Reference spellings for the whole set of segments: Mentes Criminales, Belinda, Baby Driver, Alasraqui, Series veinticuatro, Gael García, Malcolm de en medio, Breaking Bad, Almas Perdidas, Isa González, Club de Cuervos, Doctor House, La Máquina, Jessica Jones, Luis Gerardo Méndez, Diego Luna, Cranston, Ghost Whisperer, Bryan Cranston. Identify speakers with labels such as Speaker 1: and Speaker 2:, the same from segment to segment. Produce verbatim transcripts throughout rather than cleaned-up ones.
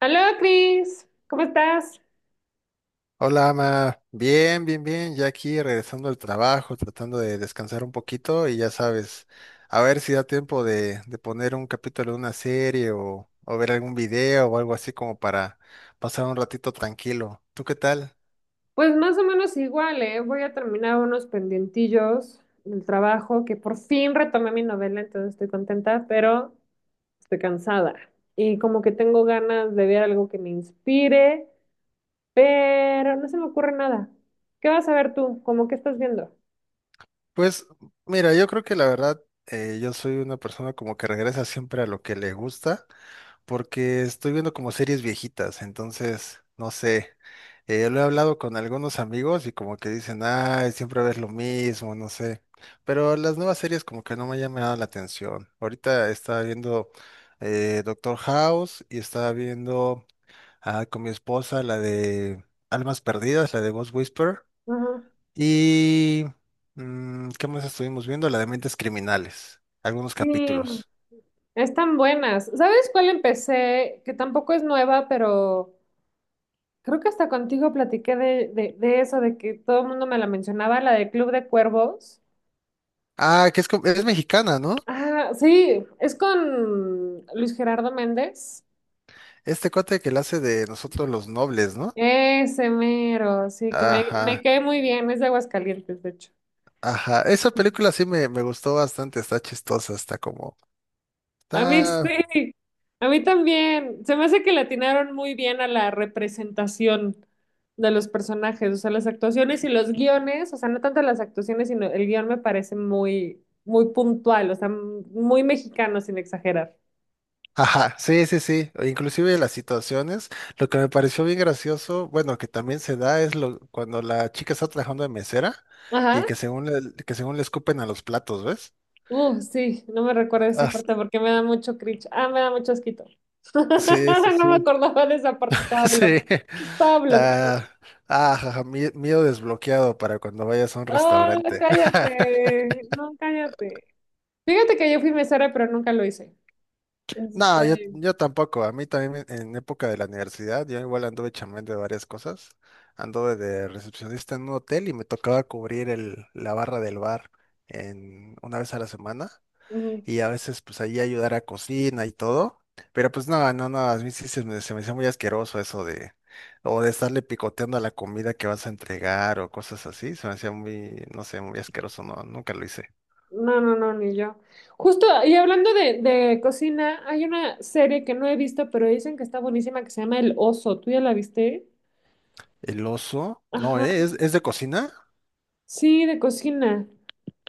Speaker 1: Hola, Cris, ¿cómo estás?
Speaker 2: Hola, Ama. Bien, bien, bien. Ya aquí regresando al trabajo, tratando de descansar un poquito y ya sabes, a ver si da tiempo de, de poner un capítulo de una serie o, o ver algún video o algo así como para pasar un ratito tranquilo. ¿Tú qué tal?
Speaker 1: Pues más o menos igual, ¿eh? Voy a terminar unos pendientillos del trabajo, que por fin retomé mi novela, entonces estoy contenta, pero estoy cansada. Y como que tengo ganas de ver algo que me inspire, pero no se me ocurre nada. ¿Qué vas a ver tú? ¿Cómo que estás viendo?
Speaker 2: Pues mira, yo creo que la verdad, eh, yo soy una persona como que regresa siempre a lo que le gusta, porque estoy viendo como series viejitas. Entonces, no sé, eh, lo he hablado con algunos amigos y como que dicen, ay, siempre ves lo mismo, no sé, pero las nuevas series como que no me han llamado la atención. Ahorita estaba viendo eh, Doctor House, y estaba viendo ah, con mi esposa la de Almas Perdidas, la de Ghost Whisperer,
Speaker 1: Ajá.
Speaker 2: y mm, ¿qué más estuvimos viendo? La de Mentes Criminales, algunos
Speaker 1: Sí,
Speaker 2: capítulos.
Speaker 1: están buenas. ¿Sabes cuál empecé? Que tampoco es nueva, pero creo que hasta contigo platiqué de, de, de eso, de que todo el mundo me la mencionaba, la de Club de Cuervos.
Speaker 2: Ah, que es, co- es mexicana, ¿no?
Speaker 1: Ah, sí, es con Luis Gerardo Méndez.
Speaker 2: Este cuate que la hace de Nosotros los Nobles, ¿no?
Speaker 1: Ese mero, sí, que me, me
Speaker 2: Ajá,
Speaker 1: cae muy bien, es de Aguascalientes, de hecho.
Speaker 2: ajá. Esa película sí me, me gustó bastante, está chistosa. está como...
Speaker 1: A mí
Speaker 2: Está...
Speaker 1: sí, a mí también. Se me hace que le atinaron muy bien a la representación de los personajes, o sea, las actuaciones y los guiones, o sea, no tanto las actuaciones, sino el guión me parece muy, muy puntual, o sea, muy mexicano sin exagerar.
Speaker 2: Ajá, sí, sí, sí. O inclusive las situaciones. Lo que me pareció bien gracioso, bueno, que también se da es lo, cuando la chica está trabajando de mesera, y
Speaker 1: Ajá.
Speaker 2: que según le, que según le escupen a los platos, ¿ves?
Speaker 1: Uh, sí, no me recuerdo esa
Speaker 2: Ah,
Speaker 1: parte porque me da mucho cringe. Ah, me da mucho asquito.
Speaker 2: sí, sí,
Speaker 1: No
Speaker 2: sí.
Speaker 1: me acordaba de esa parte, estaba
Speaker 2: Sí.
Speaker 1: bloqueada. Estaba bloqueada.
Speaker 2: Ah, ah, jaja, mie- miedo desbloqueado para cuando vayas a un
Speaker 1: Ah,
Speaker 2: restaurante.
Speaker 1: cállate. No, cállate. Fíjate que yo fui mesera, pero nunca lo hice.
Speaker 2: No, yo,
Speaker 1: Este,
Speaker 2: yo tampoco. A mí también en en época de la universidad, yo igual anduve chambeando de varias cosas. Anduve de recepcionista en un hotel y me tocaba cubrir el, la barra del bar en, una vez a la semana.
Speaker 1: mm,
Speaker 2: Y a veces pues ahí ayudar a cocina y todo. Pero pues no, no, no, a mí sí se me, se me hacía muy asqueroso eso de, o de estarle picoteando a la comida que vas a entregar o cosas así. Se me hacía muy, no sé, muy asqueroso. No, nunca lo hice.
Speaker 1: no, no, no, ni yo. Justo, y hablando de, de cocina, hay una serie que no he visto, pero dicen que está buenísima, que se llama El Oso. ¿Tú ya la viste?
Speaker 2: El Oso, no,
Speaker 1: Ajá,
Speaker 2: ¿eh? ¿Es, es de cocina?
Speaker 1: sí, de cocina.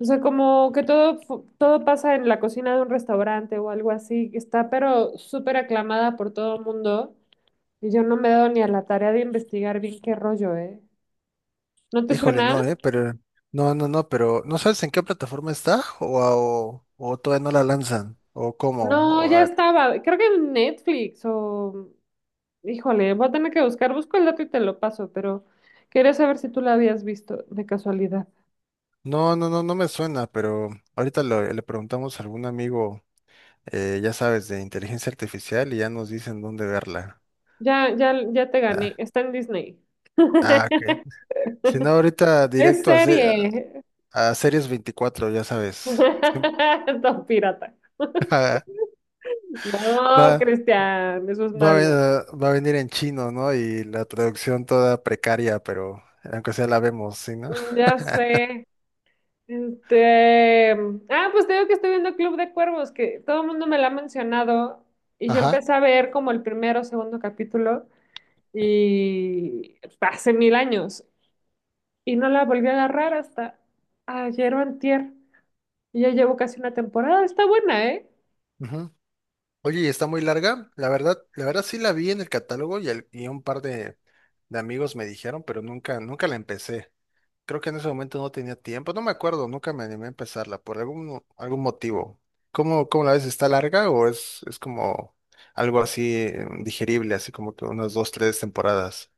Speaker 1: O sea, como que todo, fu- todo pasa en la cocina de un restaurante o algo así, que está pero súper aclamada por todo el mundo. Y yo no me he dado ni a la tarea de investigar bien qué rollo, ¿eh? ¿No te
Speaker 2: Híjole,
Speaker 1: suena?
Speaker 2: no, eh, pero no, no, no, pero ¿no sabes en qué plataforma está? O, o, o todavía no la lanzan, o cómo.
Speaker 1: No,
Speaker 2: O
Speaker 1: ya
Speaker 2: a-
Speaker 1: estaba. Creo que en Netflix o... Híjole, voy a tener que buscar, busco el dato y te lo paso, pero quería saber si tú la habías visto de casualidad.
Speaker 2: no, no, no, no me suena, pero ahorita lo- le preguntamos a algún amigo, eh, ya sabes, de inteligencia artificial, y ya nos dicen dónde verla.
Speaker 1: Ya, ya, ya te gané,
Speaker 2: Ah,
Speaker 1: está en Disney.
Speaker 2: ah, ok. Si no, ahorita
Speaker 1: Es
Speaker 2: directo a, se-
Speaker 1: serie.
Speaker 2: a, Series veinticuatro, ya sabes. Siem-
Speaker 1: Don pirata.
Speaker 2: Va,
Speaker 1: No,
Speaker 2: va,
Speaker 1: Cristian, eso es
Speaker 2: a
Speaker 1: malo.
Speaker 2: ve- va a venir en chino, ¿no? Y la traducción toda precaria, pero aunque sea la vemos, ¿sí, no?
Speaker 1: Ya sé. Este, ah, pues te digo que estoy viendo Club de Cuervos, que todo el mundo me lo ha mencionado y yo
Speaker 2: Ajá.
Speaker 1: empecé a ver como el primero o segundo capítulo y hace mil años y no la volví a agarrar hasta ayer o antier. Y ya llevo casi una temporada. Está buena, ¿eh?
Speaker 2: Ujú. Oye, y está muy larga. La verdad, la verdad sí la vi en el catálogo, y al- y un par de, de amigos me dijeron, pero nunca, nunca la empecé. Creo que en ese momento no tenía tiempo, no me acuerdo, nunca me animé a empezarla por algún, algún motivo. ¿Cómo, cómo la ves? ¿Está larga, o es, es como algo así eh, digerible, así como que unas dos, tres temporadas?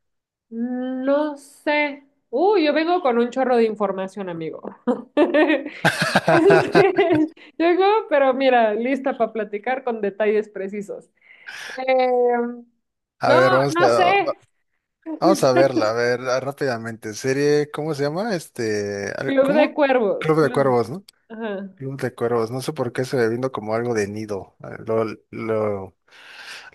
Speaker 1: Mm, no sé. Uy, yo vengo con un chorro de información, amigo. Este, llego, pero mira, lista para platicar con detalles precisos. Em,
Speaker 2: A ver,
Speaker 1: no,
Speaker 2: vamos
Speaker 1: no
Speaker 2: a,
Speaker 1: sé.
Speaker 2: vamos a verla, a ver, rápidamente. Serie, ¿cómo se llama? Este, al-
Speaker 1: Club de
Speaker 2: ¿cómo?
Speaker 1: Cuervos.
Speaker 2: Club de
Speaker 1: Club.
Speaker 2: Cuervos, ¿no?
Speaker 1: Ajá.
Speaker 2: Club de Cuervos, no sé por qué se me vino como algo de nido. eh, Lo, lo,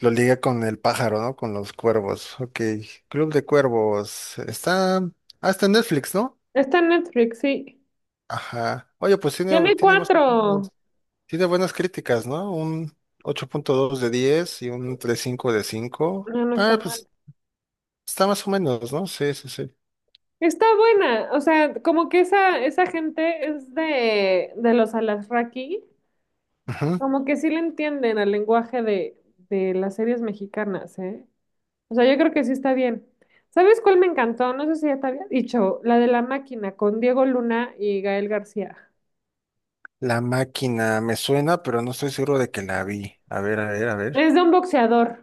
Speaker 2: lo ligué con el pájaro, ¿no? Con los cuervos. Ok, Club de Cuervos. Está hasta en Netflix, ¿no?
Speaker 1: Está en Netflix, sí.
Speaker 2: Ajá. Oye, pues tiene,
Speaker 1: Tiene
Speaker 2: tiene más o
Speaker 1: cuatro.
Speaker 2: menos- tiene buenas críticas, ¿no? Un ocho punto dos de diez y un tres punto cinco de cinco.
Speaker 1: No, no está
Speaker 2: Ah,
Speaker 1: mal.
Speaker 2: pues está más o menos, ¿no? Sí, sí, sí.
Speaker 1: Está buena, o sea, como que esa, esa gente es de, de los Alasraqui,
Speaker 2: Ujú.
Speaker 1: como que sí le entienden al lenguaje de, de las series mexicanas, ¿eh? O sea, yo creo que sí está bien. ¿Sabes cuál me encantó? No sé si ya te había dicho, la de La Máquina con Diego Luna y Gael García.
Speaker 2: La Máquina me suena, pero no estoy seguro de que la vi. A ver, a ver, a ver.
Speaker 1: Es de un boxeador.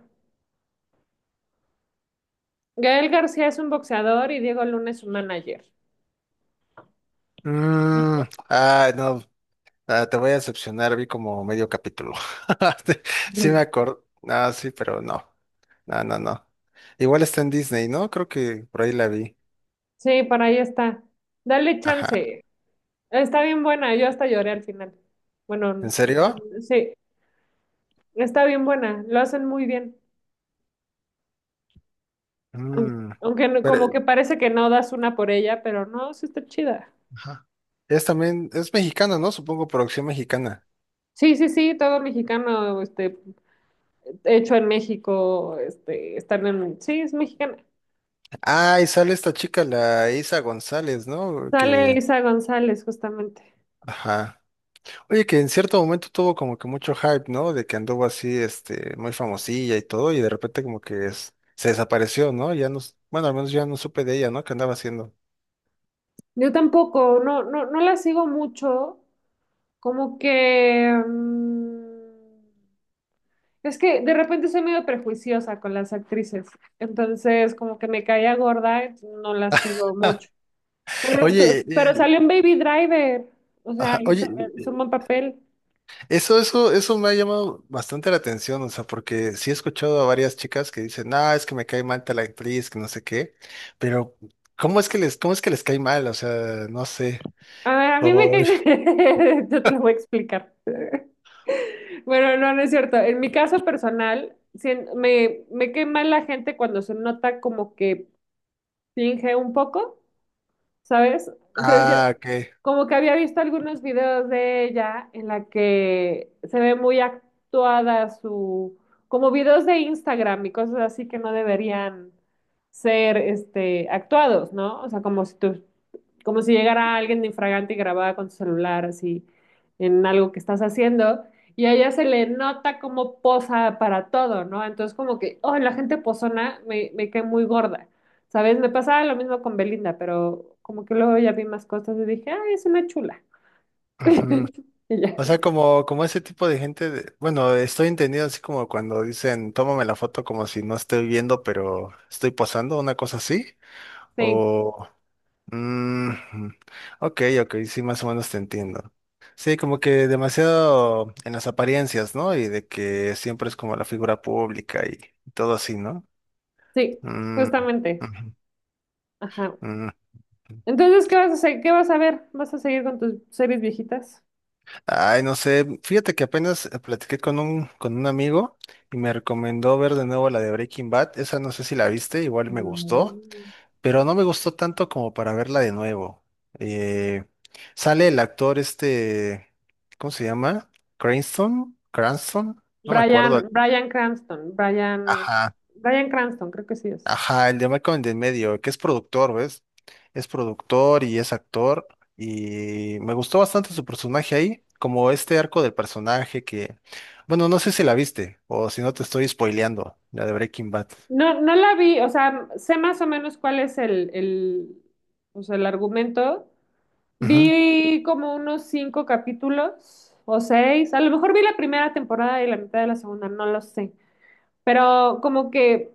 Speaker 1: Gael García es un boxeador y Diego Luna es un manager.
Speaker 2: Mm, ah, no. Ah, te voy a decepcionar, vi como medio capítulo. Te- Sí me
Speaker 1: Ujú.
Speaker 2: acuerdo. Ah, sí, pero no. No, no, no. Igual está en Disney, ¿no? Creo que por ahí la vi.
Speaker 1: Sí, por ahí está. Dale
Speaker 2: Ajá.
Speaker 1: chance. Está bien buena, yo hasta lloré al final.
Speaker 2: ¿En
Speaker 1: Bueno,
Speaker 2: serio?
Speaker 1: sí. Está bien buena, lo hacen muy bien. Aun-
Speaker 2: Mm.
Speaker 1: Aunque no-
Speaker 2: Pero,
Speaker 1: como que parece que no das una por ella, pero no, sí está chida.
Speaker 2: ajá. Es también, es mexicana, ¿no? Supongo producción mexicana.
Speaker 1: Sí, sí, sí, todo mexicano, este, hecho en México, este, están en, sí, es mexicana.
Speaker 2: Ah, y sale esta chica, la Isa González, ¿no?
Speaker 1: Sale
Speaker 2: Que,
Speaker 1: Isa González, justamente.
Speaker 2: ajá. Oye, que en cierto momento tuvo como que mucho hype, ¿no? De que anduvo así, este, muy famosilla y todo, y de repente como que es- se desapareció, ¿no? Ya no, s- bueno, al menos ya no supe de ella, ¿no? ¿Qué andaba haciendo?
Speaker 1: Yo tampoco, no, no, no la sigo mucho, como que mm, es que de repente soy medio prejuiciosa con las actrices, entonces como que me caía gorda, no la sigo mucho. Pero, esto-
Speaker 2: Oye, eh,
Speaker 1: pero salió un Baby Driver. O sea,
Speaker 2: ajá,
Speaker 1: hizo,
Speaker 2: oye,
Speaker 1: hizo un
Speaker 2: eh,
Speaker 1: buen papel.
Speaker 2: eso, eso, eso me ha llamado bastante la atención, o sea, porque sí he escuchado a varias chicas que dicen, ah, es que me cae mal tal actriz, que no sé qué, pero ¿cómo es que les, cómo es que les cae mal? O sea, no sé.
Speaker 1: A, a mí me
Speaker 2: O-
Speaker 1: caen. Yo te lo voy a explicar. Bueno, no, no es cierto. En mi caso personal, sien- me, me cae mal la gente cuando se nota como que finge un poco, ¿sabes? Entonces yo,
Speaker 2: ah, ok.
Speaker 1: como que había visto algunos videos de ella en la que se ve muy actuada su, como videos de Instagram y cosas así que no deberían ser, este, actuados, ¿no? O sea, como si tú, como si llegara alguien de infragante y grababa con su celular así en algo que estás haciendo y a ella se le nota como posa para todo, ¿no? Entonces como que, oh, la gente posona me, me cae muy gorda. ¿Sabes? Me pasaba lo mismo con Belinda, pero como que luego ya vi más cosas y dije, ah, es una chula.
Speaker 2: Ujú.
Speaker 1: Y ya.
Speaker 2: O sea, como, como ese tipo de gente, de- bueno, estoy entendido así como cuando dicen, tómame la foto como si no estoy viendo, pero estoy posando, una cosa así.
Speaker 1: Sí,
Speaker 2: O, mm, ok, ok, sí, más o menos te entiendo. Sí, como que demasiado en las apariencias, ¿no? Y de que siempre es como la figura pública y todo así, ¿no?
Speaker 1: sí,
Speaker 2: Mm,
Speaker 1: justamente.
Speaker 2: ujú,
Speaker 1: Ajá.
Speaker 2: mm.
Speaker 1: Entonces, ¿qué vas a hacer? ¿Qué vas a ver? ¿Vas a seguir con tus series viejitas?
Speaker 2: Ay, no sé, fíjate que apenas eh, platiqué con un, con un amigo, y me recomendó ver de nuevo la de Breaking Bad. Esa no sé si la viste, igual me gustó,
Speaker 1: Mm.
Speaker 2: pero no me gustó tanto como para verla de nuevo. Eh, Sale el actor este, ¿cómo se llama? Cranston, Cranston, no me acuerdo.
Speaker 1: Bryan, Bryan Cranston, Bryan,
Speaker 2: Ajá.
Speaker 1: Bryan Cranston, creo que sí es.
Speaker 2: Ajá, el de Malcolm de en Medio, que es productor, ¿ves? Es productor y es actor. Y me gustó bastante su personaje ahí, como este arco del personaje que, bueno, no sé si la viste o si no te estoy spoileando, la de Breaking Bad.
Speaker 1: No, no la vi, o sea, sé más o menos cuál es el, el, o sea, el argumento,
Speaker 2: Ujú,
Speaker 1: vi como unos cinco capítulos o seis. A lo mejor vi la primera temporada y la mitad de la segunda, no lo sé. Pero como que,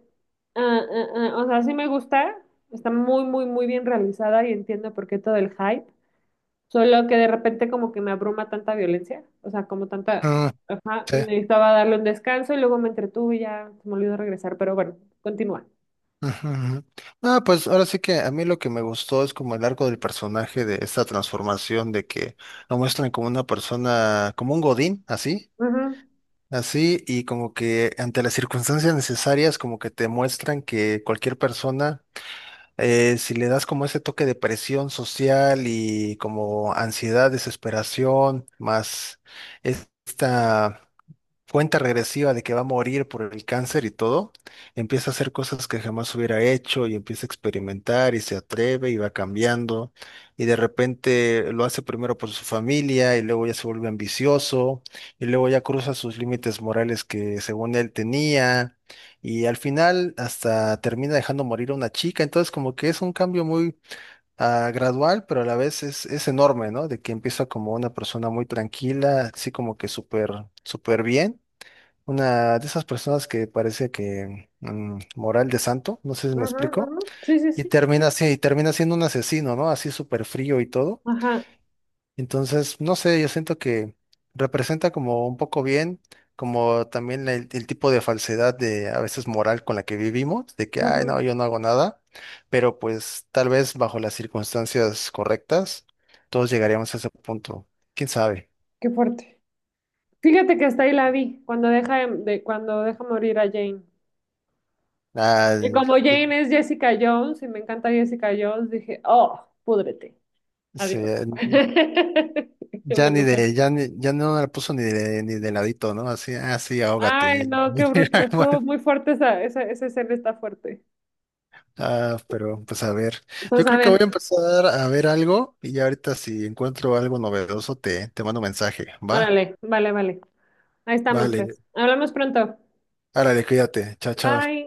Speaker 1: ah, ah, ah, o sea, sí me gusta. Está muy, muy, muy bien realizada y entiendo por qué todo el hype. Solo que de repente como que me abruma tanta violencia. O sea, como tanta...
Speaker 2: mm,
Speaker 1: Ajá,
Speaker 2: sí,
Speaker 1: y necesitaba darle un descanso y luego me entretuve y ya se me olvidó regresar. Pero bueno, continúa.
Speaker 2: ujú, ujú. Ah, pues ahora sí que a mí lo que me gustó es como el arco del personaje, de esta transformación, de que lo muestran como una persona, como un godín, así,
Speaker 1: Ujú,
Speaker 2: así, y como que ante las circunstancias necesarias, como que te muestran que cualquier persona, eh, si le das como ese toque de presión social, y como ansiedad, desesperación, más esta cuenta regresiva de que va a morir por el cáncer y todo, empieza a hacer cosas que jamás hubiera hecho, y empieza a experimentar, y se atreve, y va cambiando, y de repente lo hace primero por su familia, y luego ya se vuelve ambicioso, y luego ya cruza sus límites morales que según él tenía, y al final hasta termina dejando morir a una chica. Entonces, como que es un cambio muy ah, gradual, pero a la vez es, es enorme, ¿no? De que empieza como una persona muy tranquila, así como que súper, súper bien. Una de esas personas que parece que mm, moral de santo, no sé si me
Speaker 1: ujú,
Speaker 2: explico,
Speaker 1: ujú. Sí, sí,
Speaker 2: y
Speaker 1: sí.
Speaker 2: termina así, y termina siendo un asesino, ¿no? Así súper frío y todo.
Speaker 1: Ajá.
Speaker 2: Entonces, no sé, yo siento que representa como un poco bien, como también el, el tipo de falsedad de a veces moral con la que vivimos, de que, ay,
Speaker 1: Ujú.
Speaker 2: no, yo no hago nada, pero pues tal vez bajo las circunstancias correctas, todos llegaríamos a ese punto. ¿Quién sabe?
Speaker 1: Qué fuerte. Fíjate que hasta ahí la vi, cuando deja, de, de- cuando deja morir a Jane. Y como
Speaker 2: Al-
Speaker 1: Jane es Jessica Jones y me encanta Jessica Jones, dije, oh, púdrete,
Speaker 2: Sí,
Speaker 1: adiós. Me
Speaker 2: Ya ni
Speaker 1: enojé.
Speaker 2: de, ya ni, ya no la puso ni de, ni de, ladito, ¿no? Así, así, ahógate
Speaker 1: Ay,
Speaker 2: ahí.
Speaker 1: no, qué bruto, estuvo
Speaker 2: Bueno,
Speaker 1: muy fuerte esa, esa, esa escena está fuerte.
Speaker 2: ah, pero pues a ver. Yo
Speaker 1: Entonces, a
Speaker 2: creo que
Speaker 1: ver,
Speaker 2: voy a empezar a ver algo, y ya ahorita si encuentro algo novedoso te, te mando mensaje, ¿va?
Speaker 1: órale, vale, vale. Ahí estamos,
Speaker 2: Vale,
Speaker 1: pues. Hablamos pronto.
Speaker 2: árale, cuídate. Chao, chao.
Speaker 1: Bye.